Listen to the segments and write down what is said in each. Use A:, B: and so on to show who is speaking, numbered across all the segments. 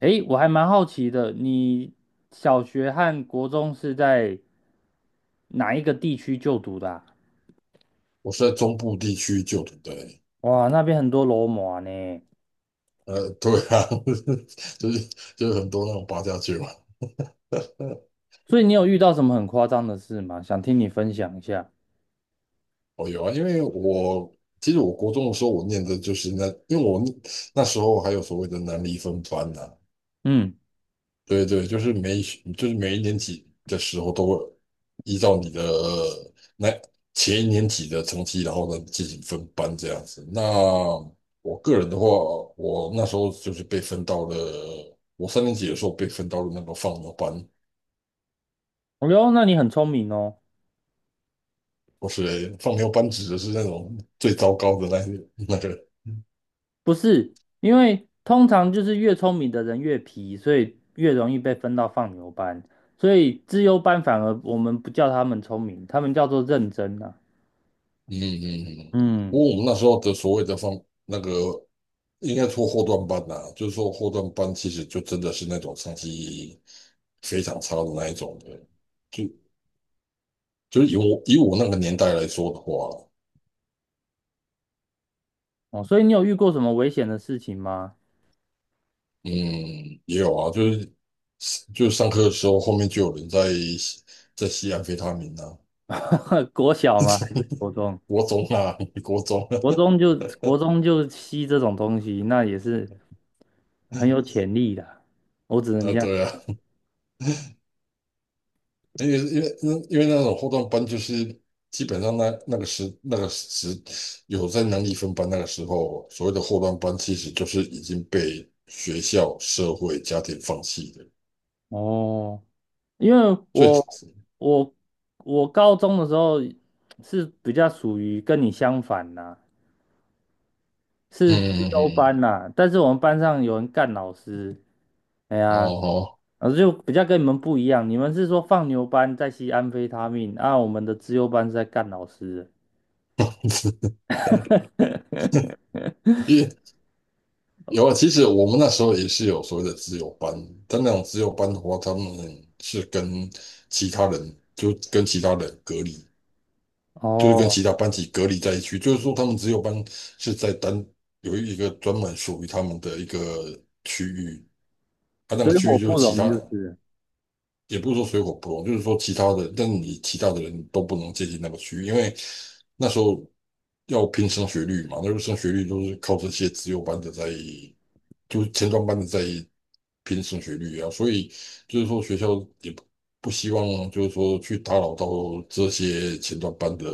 A: 诶，我还蛮好奇的，你小学和国中是在哪一个地区就读的啊。
B: 我是在中部地区就读的欸。
A: 哇，那边很多罗马呢。
B: 对啊。就是就是很多那种八家将嘛。
A: 所以你有遇到什么很夸张的事吗？想听你分享一下。
B: 哦，有啊，因为我其实我国中的时候，我念的就是那，因为我那时候还有所谓的南离分班呐、
A: 嗯。
B: 对对，就是每一年级的时候都会依照你的那前一年级的成绩，然后呢进行分班这样子。那我个人的话，我3年级的时候被分到了那个放牛班，
A: 哦哟，那你很聪明哦。
B: 不是放牛班指的是那种 最糟糕的那个。
A: 不是，因为通常就是越聪明的人越皮，所以越容易被分到放牛班，所以资优班反而我们不叫他们聪明，他们叫做认真啊。
B: 嗯嗯嗯。不
A: 嗯。
B: 过我们那时候的所谓的放那个应该说后段班呐、就是说后段班其实就真的是那种成绩非常差的那一种的，就就是以我那个年代来说的话。
A: 哦，所以你有遇过什么危险的事情吗？
B: 嗯，也有啊，就是上课的时候后面就有人吸在吸安非他命啊。
A: 国小吗？还是 国中？
B: 国中啊，国中啊。
A: 国中就国中就吸这种东西，那也是很有潜力的。我只能
B: 啊
A: 这样。
B: 对啊。因为那种后段班就是基本上那那个时那个时有在能力分班那个时候，所谓的后段班其实就是已经被学校、社会、家庭放弃的。
A: 哦，因为
B: 所以，
A: 我我我高中的时候是比较属于跟你相反呐，是自
B: 嗯
A: 修
B: 嗯
A: 班呐。但是我们班上有人干老师。哎
B: 嗯，哦，
A: 呀，
B: 哦。
A: 老师就比较跟你们不一样，你们是说放牛班在吸安非他命，啊，我们的自优班是在干老师的。
B: 因为有啊，其实我们那时候也是有所谓的自由班，但那种自由班的话，他们是跟其他人就跟其他人隔离。就是跟
A: 哦，
B: 其他班级隔离在一起，就是说他们只有班是在单有一个专门属于他们的一个区域，他那个
A: 水
B: 区
A: 火
B: 域就是
A: 不
B: 其
A: 容
B: 他。
A: 就是。
B: 也不是说水火不容，就是说其他的，但你其他的人都不能接近那个区域，因为那时候要拼升学率嘛，那时候升学率都是靠这些资优班的在，就是前段班的在拼升学率啊，所以就是说学校也不希望就是说去打扰到这些前段班的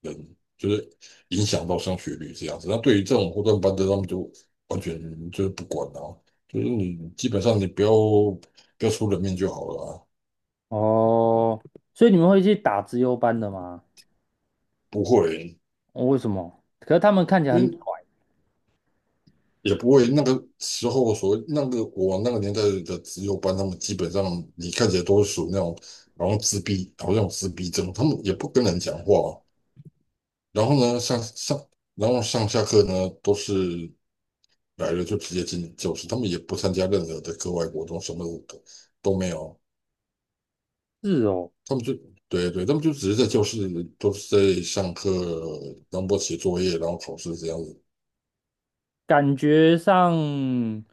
B: 人，就是影响到升学率这样子。那对于这种后段班的，他们就完全就是不管啊，就是你基本上你不要出人命就好了啊。
A: 哦，所以你们会去打资优班的吗？
B: 不会，
A: 哦，为什么？可是他们看起来
B: 因
A: 很拽。
B: 为也不会那个时候所谓那个我那个年代的资优班，他们基本上你看起来都是属于那种好像自闭，好像有自闭症，他们也不跟人讲话。然后呢，然后上下课呢都是来了就直接进教室，他们也不参加任何的课外活动，什么都没有，
A: 是哦，
B: 他们就。对对，他们就只是在教室，都是在上课，然后写作业，然后考试这样子。
A: 感觉上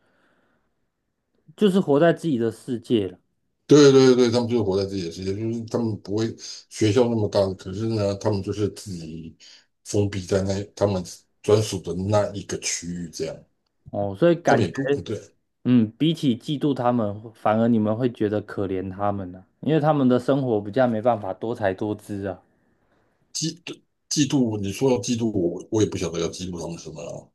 A: 就是活在自己的世界了。
B: 对对对，他们就是活在自己的世界，就是他们不会学校那么大，可是呢，他们就是自己封闭在那他们专属的那一个区域，这样
A: 哦，所以
B: 他们
A: 感
B: 也
A: 觉，
B: 不不对。
A: 嗯，比起嫉妒他们，反而你们会觉得可怜他们呢、因为他们的生活比较没办法多才多姿啊，
B: 嫉嫉妒，你说要嫉妒，我也不晓得要嫉妒他们什么了，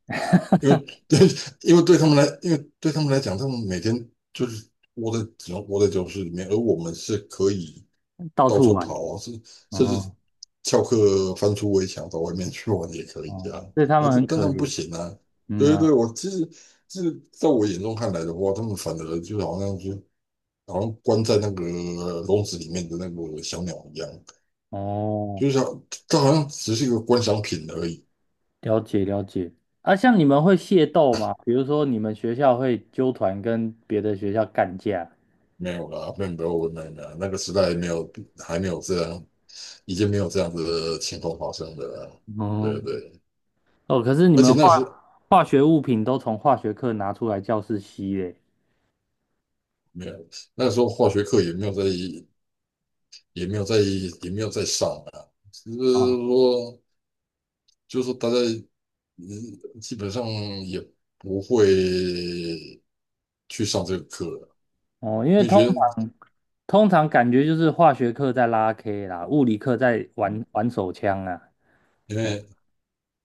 B: 因为 对，因为对他们来讲，他们每天就是只能窝在教室里面，而我们是可以。
A: 到
B: 到
A: 处
B: 处
A: 玩。
B: 跑啊，甚至
A: 哦，
B: 翘课翻出围墙到外面去玩也可以
A: 哦，
B: 啊。
A: 所以他们很
B: 但他
A: 可
B: 们不
A: 怜。
B: 行啊。
A: 嗯
B: 对对
A: 啊。
B: 对，我其实是在我眼中看来的话，他们反而就好像关在那个笼子里面的那个小鸟一样，
A: 哦。
B: 就是像它好像只是一个观赏品而已。
A: 了解了解。啊，像你们会械斗吗？比如说你们学校会纠团跟别的学校干架？
B: 没有啦，没有没有没有没有，那个时代没有还没有这样，已经没有这样子的情况发生了啊。
A: 哦。
B: 对对，
A: 哦，可是你
B: 而且
A: 们
B: 那
A: 化
B: 时
A: 化学物品都从化学课拿出来教室吸嘞。
B: 没有，那时候化学课也没有在也没有在上啊，只是
A: 啊。
B: 说大家基本上也不会去上这个课了，
A: 哦，因为
B: 因为
A: 通
B: 学
A: 通常感觉就是化学课在拉 K 啦，物理课在玩玩手枪啊。
B: 因
A: 嗯。
B: 为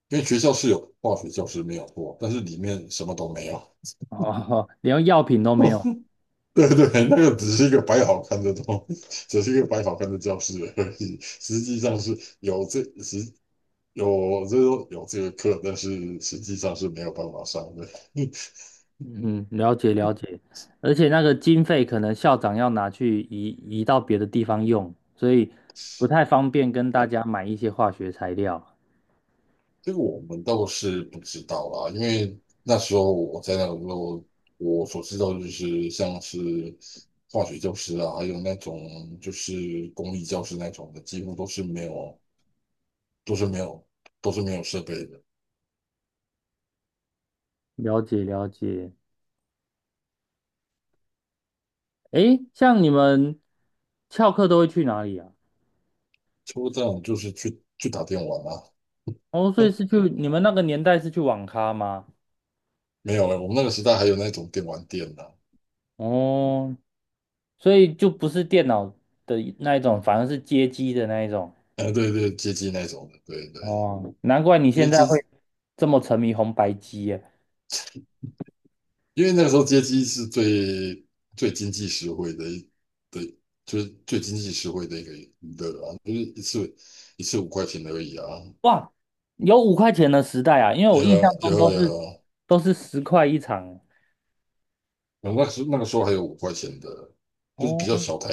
B: 因为学校是有化学教室没有过，但是里面什么都没有。
A: 哦，连药品都没有
B: 对对，只是一个摆好看的教室而已。实际上是有这实有这有这个课，但是实际上是没有办法上的。
A: 嗯。了解了解，而且那个经费可能校长要拿去移到别的地方用，所以不太方便跟大家买一些化学材料。
B: 这个我们倒是不知道啦，因为那时候我在那个时候，我所知道就是像是化学教师啊，还有那种就是公立教师那种的，几乎都是没有，都是没有设备的。
A: 了解了解。诶，像你们翘课都会去哪里啊？
B: 差不这种，就是去打电玩啊。
A: 哦，所以是去你们那个年代是去网咖吗？
B: 没有了。我们那个时代还有那种电玩店呢、啊，
A: 哦，所以就不是电脑的那一种，反而是街机的那一种。
B: 对对，街机那种的，对对，
A: 哦，难怪你
B: 因
A: 现
B: 为
A: 在
B: 街
A: 会这么沉迷红白机耶。
B: 因为那个时候街机是最经济实惠的一，对，就是最经济实惠的一个娱乐啊，就是一次五块钱而已啊。
A: 哇，有五块钱的时代啊，因为
B: 有
A: 我印
B: 啊
A: 象中
B: 有啊
A: 都是
B: 有啊，
A: 都是十块一场。
B: 然后那个时候还有五块钱的，就是
A: 哦。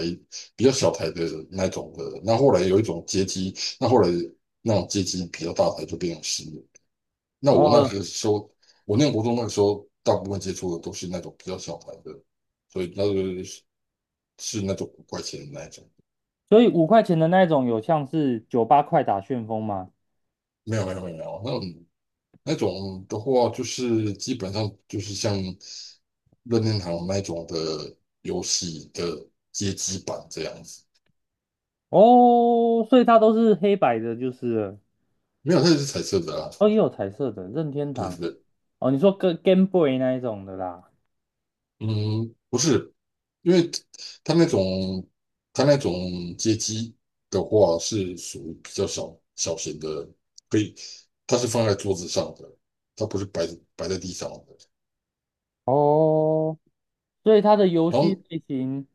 B: 比较小台的那种的。那后来那种街机比较大台就变成10元，那我那
A: 哦，
B: 个时候我念国中那个时候，大部分接触的都是那种比较小台的，所以那个是那种五块钱的那种。
A: 所以五块钱的那种有像是酒吧快打旋风吗？
B: 没有没有没有，那种的话，就是基本上就是像任天堂那种的游戏的街机版这样子。
A: 哦，所以它都是黑白的，就是了。
B: 没有，它也是彩色的啊。
A: 哦，也有彩色的任天
B: 对
A: 堂。
B: 对。
A: 哦，你说跟 Game Boy 那一种的啦。
B: 嗯，不是，因为它那种它那种街机的话是属于比较小型的，可以，它是放在桌子上的，它不是摆在地上的。
A: 哦，所以它的游
B: 然
A: 戏
B: 后
A: 类型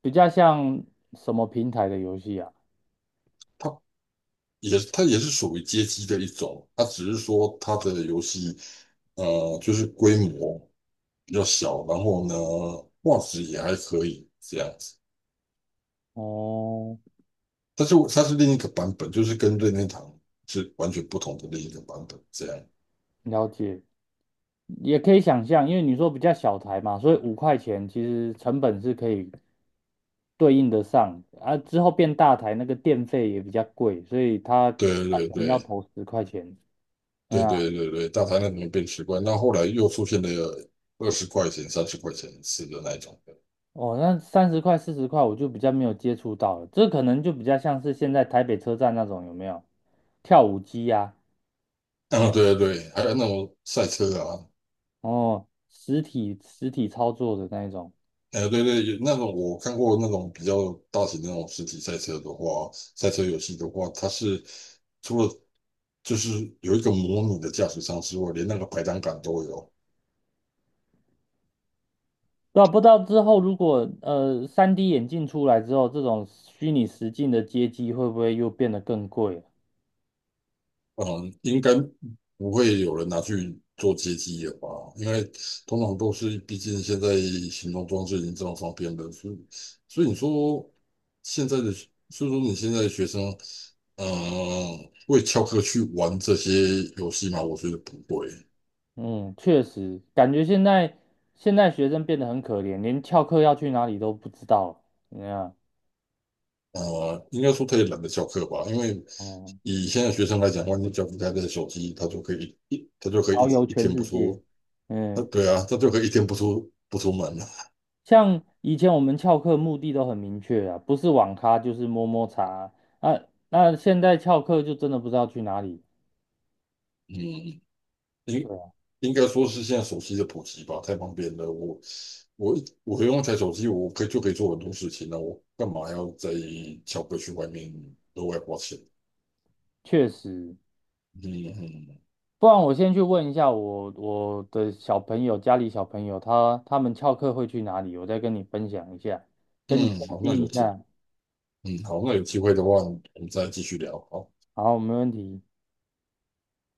A: 比较像什么平台的游戏啊？
B: 它它也是属于街机的一种，它只是说它的游戏就是规模比较小，然后呢画质也还可以这样子。
A: 哦，
B: 但是它是另一个版本，就是跟任天堂是完全不同的另一个版本这样。
A: 了解。也可以想象，因为你说比较小台嘛，所以五块钱其实成本是可以对应得上啊。之后变大台，那个电费也比较贵，所以它可
B: 对对
A: 能要
B: 对
A: 投10块钱。嗯
B: 对
A: 啊。
B: 对对对，对，大台那里面变十块，那后来又出现了20块钱、30块钱一次的那一种的。
A: 哦，那30块、40块我就比较没有接触到了，这可能就比较像是现在台北车站那种有没有跳舞机呀、啊
B: 啊，
A: 嗯。
B: 对对对，还有那种赛车啊。
A: 哦，实体操作的那一种。
B: 对对，那种我看过那种比较大型的那种实体赛车的话，赛车游戏的话，它是除了就是有一个模拟的驾驶舱之外，连那个排挡杆都有。
A: 对啊，不知道之后如果3D 眼镜出来之后，这种虚拟实境的街机会不会又变得更贵了？
B: 嗯，应该不会有人拿去做街机了吧？因为通常都是，毕竟现在行动装置已经这么方便了，所以你说现在的，所以说你现在的学生，会翘课去玩这些游戏吗？我觉得不会。
A: 嗯，确实，感觉现在学生变得很可怜，连翘课要去哪里都不知道了。怎么样？
B: 应该说他也懒得翘课吧，因为
A: 哦，
B: 以现在学生来讲的话，你只要不开这手机，他就可以一他就可以
A: 遨游
B: 一一
A: 全
B: 天不
A: 世界。
B: 出，
A: 嗯，
B: 对啊，他就可以一天不出门了。
A: 像以前我们翘课目的都很明确啊，不是网咖就是摸摸茶啊。那现在翘课就真的不知道去哪里。
B: 嗯，应
A: 对啊，
B: 应该说是现在手机的普及吧，太方便了。我我用一台手机，我可以就可以做很多事情了，我干嘛要在翘课去外面额外花钱？
A: 确实。
B: 嗯嗯
A: 不然我先去问一下我的小朋友，家里小朋友他们翘课会去哪里，我再跟你分享一下，跟你
B: 嗯。
A: 更
B: 好，
A: 新一下。
B: 那有机会的话，我们再继续聊好。
A: 好，没问题。